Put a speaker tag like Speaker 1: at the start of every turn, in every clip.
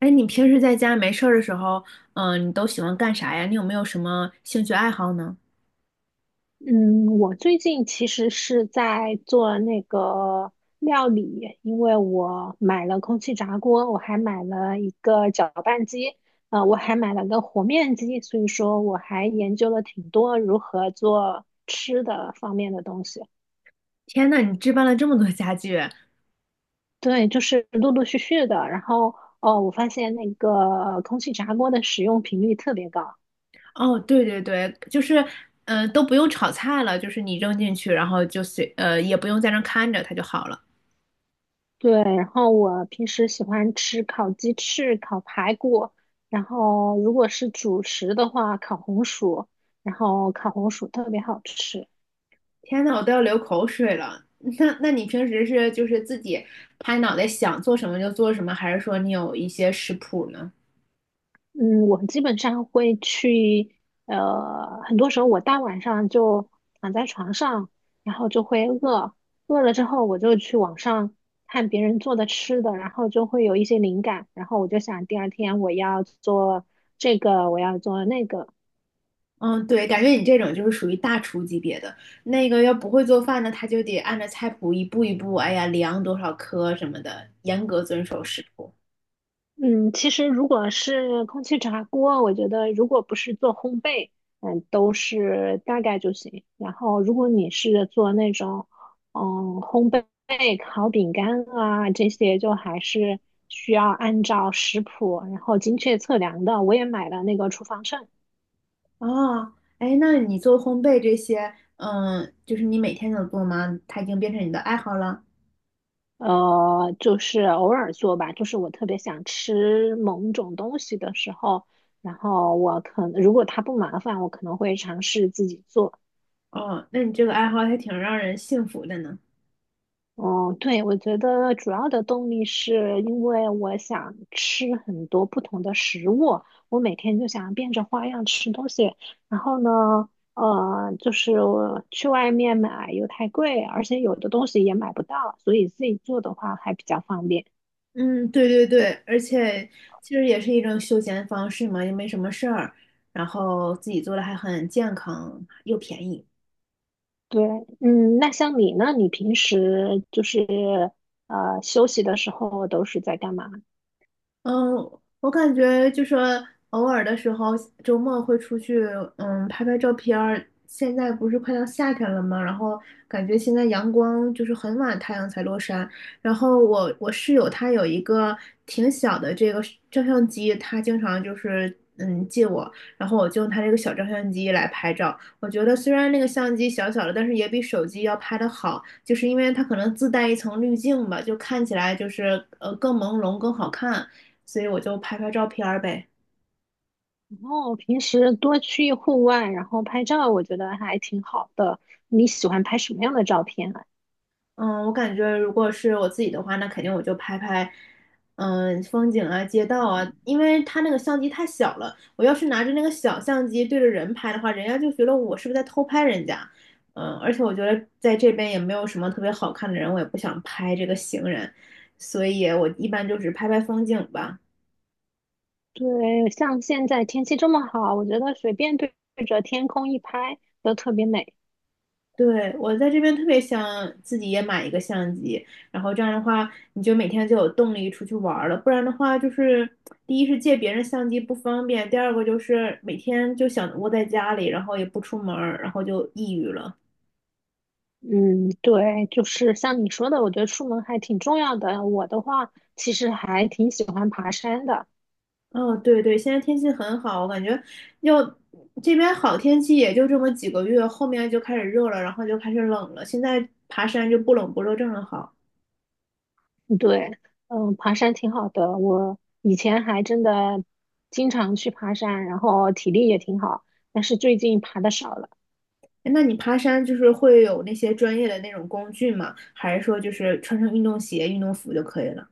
Speaker 1: 哎，你平时在家没事儿的时候，你都喜欢干啥呀？你有没有什么兴趣爱好呢？
Speaker 2: 嗯，我最近其实是在做那个料理，因为我买了空气炸锅，我还买了一个搅拌机，我还买了个和面机，所以说我还研究了挺多如何做吃的方面的东西。
Speaker 1: 天呐，你置办了这么多家具！
Speaker 2: 对，就是陆陆续续的，然后哦，我发现那个空气炸锅的使用频率特别高。
Speaker 1: 哦，对对对，都不用炒菜了，就是你扔进去，然后就随，呃，也不用在那儿看着它就好了。
Speaker 2: 对，然后我平时喜欢吃烤鸡翅、烤排骨，然后如果是主食的话，烤红薯，然后烤红薯特别好吃。
Speaker 1: 天呐，我都要流口水了。那你平时是就是自己拍脑袋想做什么就做什么，还是说你有一些食谱呢？
Speaker 2: 嗯，我基本上会去，很多时候我大晚上就躺在床上，然后就会饿，饿了之后我就去网上看别人做的吃的，然后就会有一些灵感，然后我就想第二天我要做这个，我要做那个。
Speaker 1: 嗯，对，感觉你这种就是属于大厨级别的，那个要不会做饭呢，他就得按照菜谱一步一步，哎呀，量多少克什么的，严格遵守食谱。
Speaker 2: 嗯，其实如果是空气炸锅，我觉得如果不是做烘焙，嗯，都是大概就行。然后如果你是做那种，嗯，烘焙烤饼干啊这些，就还是需要按照食谱，然后精确测量的。我也买了那个厨房秤，
Speaker 1: 哦，哎，那你做烘焙这些，嗯，就是你每天都做吗？它已经变成你的爱好了。
Speaker 2: 就是偶尔做吧，就是我特别想吃某种东西的时候，然后我可能如果它不麻烦，我可能会尝试自己做。
Speaker 1: 哦，那你这个爱好还挺让人幸福的呢。
Speaker 2: 哦，对，我觉得主要的动力是因为我想吃很多不同的食物，我每天就想变着花样吃东西。然后呢，就是我去外面买又太贵，而且有的东西也买不到，所以自己做的话还比较方便。
Speaker 1: 嗯，对对对，而且其实也是一种休闲方式嘛，也没什么事儿，然后自己做的还很健康又便宜。
Speaker 2: 对，嗯，那像你呢？你平时就是休息的时候都是在干嘛？
Speaker 1: 嗯，我感觉就说偶尔的时候，周末会出去，嗯，拍拍照片儿。现在不是快到夏天了吗？然后感觉现在阳光就是很晚太阳才落山。然后我室友他有一个挺小的这个照相机，他经常就是嗯借我，然后我就用他这个小照相机来拍照。我觉得虽然那个相机小小的，但是也比手机要拍的好，就是因为它可能自带一层滤镜吧，就看起来就是更朦胧更好看。所以我就拍拍照片儿呗。
Speaker 2: 然后平时多去户外，然后拍照，我觉得还挺好的。你喜欢拍什么样的照片啊？
Speaker 1: 嗯，我感觉如果是我自己的话，那肯定我就拍拍，嗯，风景啊、街道啊，因为它那个相机太小了，我要是拿着那个小相机对着人拍的话，人家就觉得我是不是在偷拍人家。嗯，而且我觉得在这边也没有什么特别好看的人，我也不想拍这个行人，所以我一般就只拍拍风景吧。
Speaker 2: 对，像现在天气这么好，我觉得随便对着天空一拍都特别美。
Speaker 1: 对，我在这边特别想自己也买一个相机，然后这样的话，你就每天就有动力出去玩儿了。不然的话，就是第一是借别人相机不方便，第二个就是每天就想窝在家里，然后也不出门儿，然后就抑郁了。
Speaker 2: 嗯，对，就是像你说的，我觉得出门还挺重要的。我的话，其实还挺喜欢爬山的。
Speaker 1: 哦，对对，现在天气很好，我感觉要这边好天气也就这么几个月，后面就开始热了，然后就开始冷了。现在爬山就不冷不热，正好。
Speaker 2: 对，嗯，爬山挺好的。我以前还真的经常去爬山，然后体力也挺好，但是最近爬的少了。
Speaker 1: 哎那你爬山就是会有那些专业的那种工具吗？还是说就是穿上运动鞋、运动服就可以了？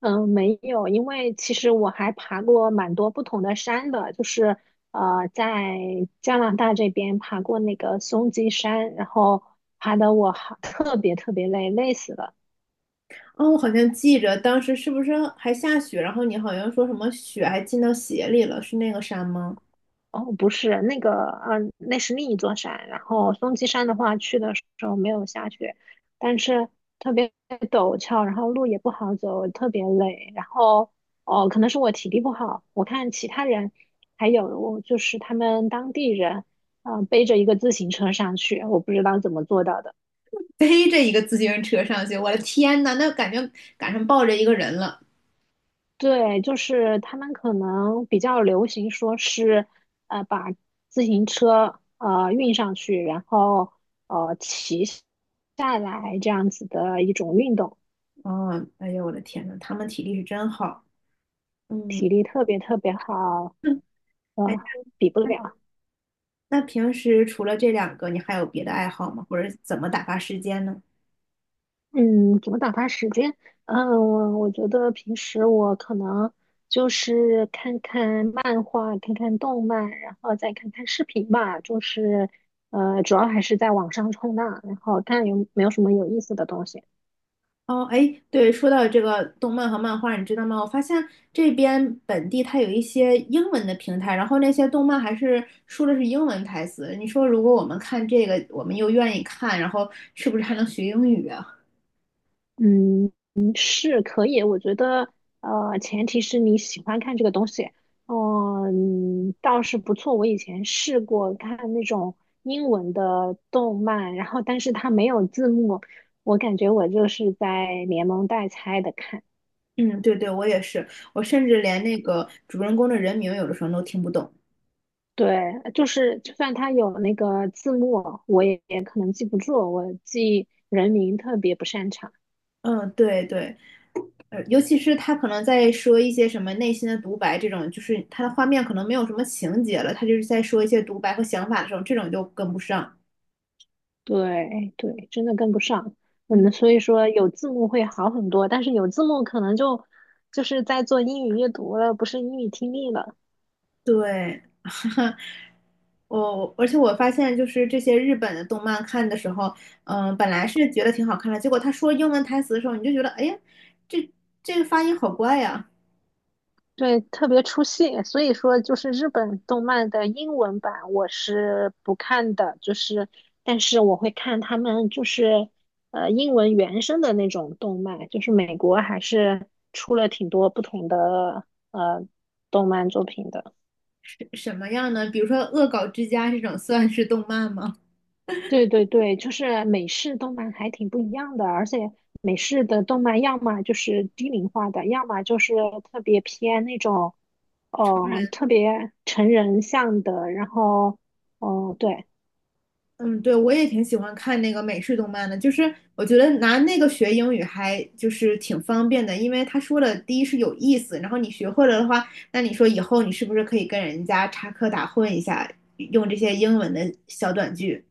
Speaker 2: 嗯，没有，因为其实我还爬过蛮多不同的山的，就是在加拿大这边爬过那个松鸡山，然后爬的我好特别特别累，累死了。
Speaker 1: 哦，我好像记着当时是不是还下雪，然后你好像说什么雪还进到鞋里了，是那个山吗？
Speaker 2: 哦，不是那个，嗯、那是另一座山。然后松鸡山的话，去的时候没有下雪，但是特别陡峭，然后路也不好走，特别累。然后，哦，可能是我体力不好，我看其他人，还有就是他们当地人，嗯、背着一个自行车上去，我不知道怎么做到的。
Speaker 1: 背着一个自行车上去，我的天呐，那感觉赶上抱着一个人了。
Speaker 2: 对，就是他们可能比较流行说是，把自行车运上去，然后骑下来这样子的一种运动，
Speaker 1: 哦，哎呦，我的天呐，他们体力是真好。嗯，
Speaker 2: 体力特别特别好，
Speaker 1: 嗯
Speaker 2: 呃，
Speaker 1: 哎，
Speaker 2: 比不了。
Speaker 1: 那平时除了这两个，你还有别的爱好吗？或者怎么打发时间呢？
Speaker 2: 嗯，怎么打发时间？嗯，我觉得平时我可能就是看看漫画，看看动漫，然后再看看视频吧。就是主要还是在网上冲浪，然后看有没有什么有意思的东西。
Speaker 1: 哦，哎，对，说到这个动漫和漫画，你知道吗？我发现这边本地它有一些英文的平台，然后那些动漫还是说的是英文台词。你说如果我们看这个，我们又愿意看，然后是不是还能学英语啊？
Speaker 2: 嗯，嗯是可以，我觉得，前提是你喜欢看这个东西，哦嗯，倒是不错。我以前试过看那种英文的动漫，然后但是它没有字幕，我感觉我就是在连蒙带猜的看。
Speaker 1: 嗯，对对，我也是，我甚至连那个主人公的人名有的时候都听不懂。
Speaker 2: 对，就是就算它有那个字幕，我也可能记不住，我记人名特别不擅长。
Speaker 1: 嗯，对对，尤其是他可能在说一些什么内心的独白这种，就是他的画面可能没有什么情节了，他就是在说一些独白和想法的时候，这种就跟不上。
Speaker 2: 对对，真的跟不上。
Speaker 1: 嗯，
Speaker 2: 嗯，所以说有字幕会好很多，但是有字幕可能就就是在做英语阅读了，不是英语听力了。
Speaker 1: 对，我而且我发现，就是这些日本的动漫看的时候，本来是觉得挺好看的，结果他说英文台词的时候，你就觉得，哎呀，这这个发音好怪呀，
Speaker 2: 对，特别出戏。所以说，就是日本动漫的英文版我是不看的，就是但是我会看他们就是英文原声的那种动漫，就是美国还是出了挺多不同的呃动漫作品的。
Speaker 1: 是什么样呢？比如说《恶搞之家》这种算是动漫吗？
Speaker 2: 对对对，就是美式动漫还挺不一样的，而且美式的动漫要么就是低龄化的，要么就是特别偏那种，特别成人向的。然后，哦、对
Speaker 1: 嗯，对，我也挺喜欢看那个美式动漫的，就是我觉得拿那个学英语还就是挺方便的，因为他说的第一是有意思，然后你学会了的话，那你说以后你是不是可以跟人家插科打诨一下，用这些英文的小短句？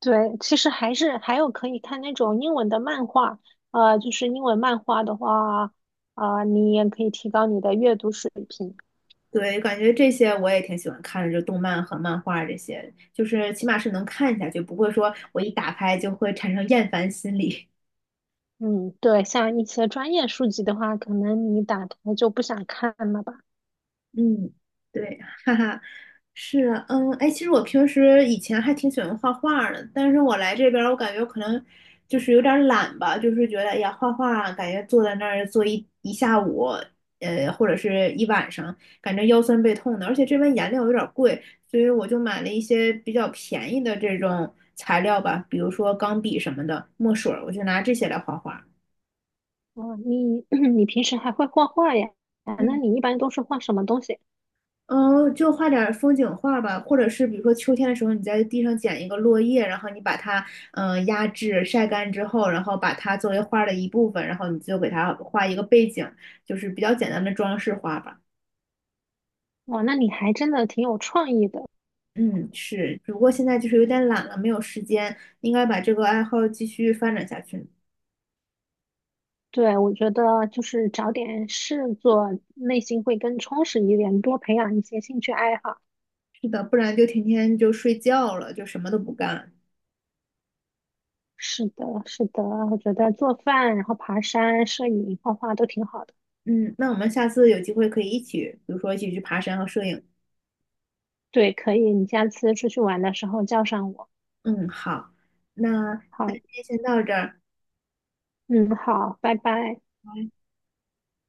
Speaker 2: 对，其实还是还有可以看那种英文的漫画，就是英文漫画的话，啊、你也可以提高你的阅读水平。
Speaker 1: 对，感觉这些我也挺喜欢看的，就动漫和漫画这些，就是起码是能看下去，不会说我一打开就会产生厌烦心理。
Speaker 2: 嗯，对，像一些专业书籍的话，可能你打开就不想看了吧。
Speaker 1: 嗯，对，哈哈，是，嗯，哎，其实我平时以前还挺喜欢画画儿的，但是我来这边儿，我感觉我可能就是有点儿懒吧，就是觉得，哎呀，画画感觉坐在那儿坐一下午，或者是一晚上，感觉腰酸背痛的，而且这边颜料有点儿贵，所以我就买了一些比较便宜的这种材料吧，比如说钢笔什么的，墨水儿，我就拿这些来画画。
Speaker 2: 哦，你 你平时还会画画呀？啊，那
Speaker 1: 嗯。
Speaker 2: 你一般都是画什么东西？
Speaker 1: 嗯，就画点儿风景画吧，或者是比如说秋天的时候，你在地上捡一个落叶，然后你把它压制晒干之后，然后把它作为画儿的一部分，然后你就给它画一个背景，就是比较简单的装饰画吧。
Speaker 2: 哇，那你还真的挺有创意的。
Speaker 1: 嗯，是，只不过现在就是有点懒了，没有时间，应该把这个爱好继续发展下去。
Speaker 2: 对，我觉得就是找点事做，内心会更充实一点，多培养一些兴趣爱好。
Speaker 1: 是的，不然就天天就睡觉了，就什么都不干。
Speaker 2: 是的，是的，我觉得做饭，然后爬山、摄影、画画都挺好的。
Speaker 1: 嗯，那我们下次有机会可以一起，比如说一起去爬山和摄影。
Speaker 2: 对，可以，你下次出去玩的时候叫上我。
Speaker 1: 嗯，好，那
Speaker 2: 好，
Speaker 1: 今天先到这儿。
Speaker 2: 嗯，好，拜拜。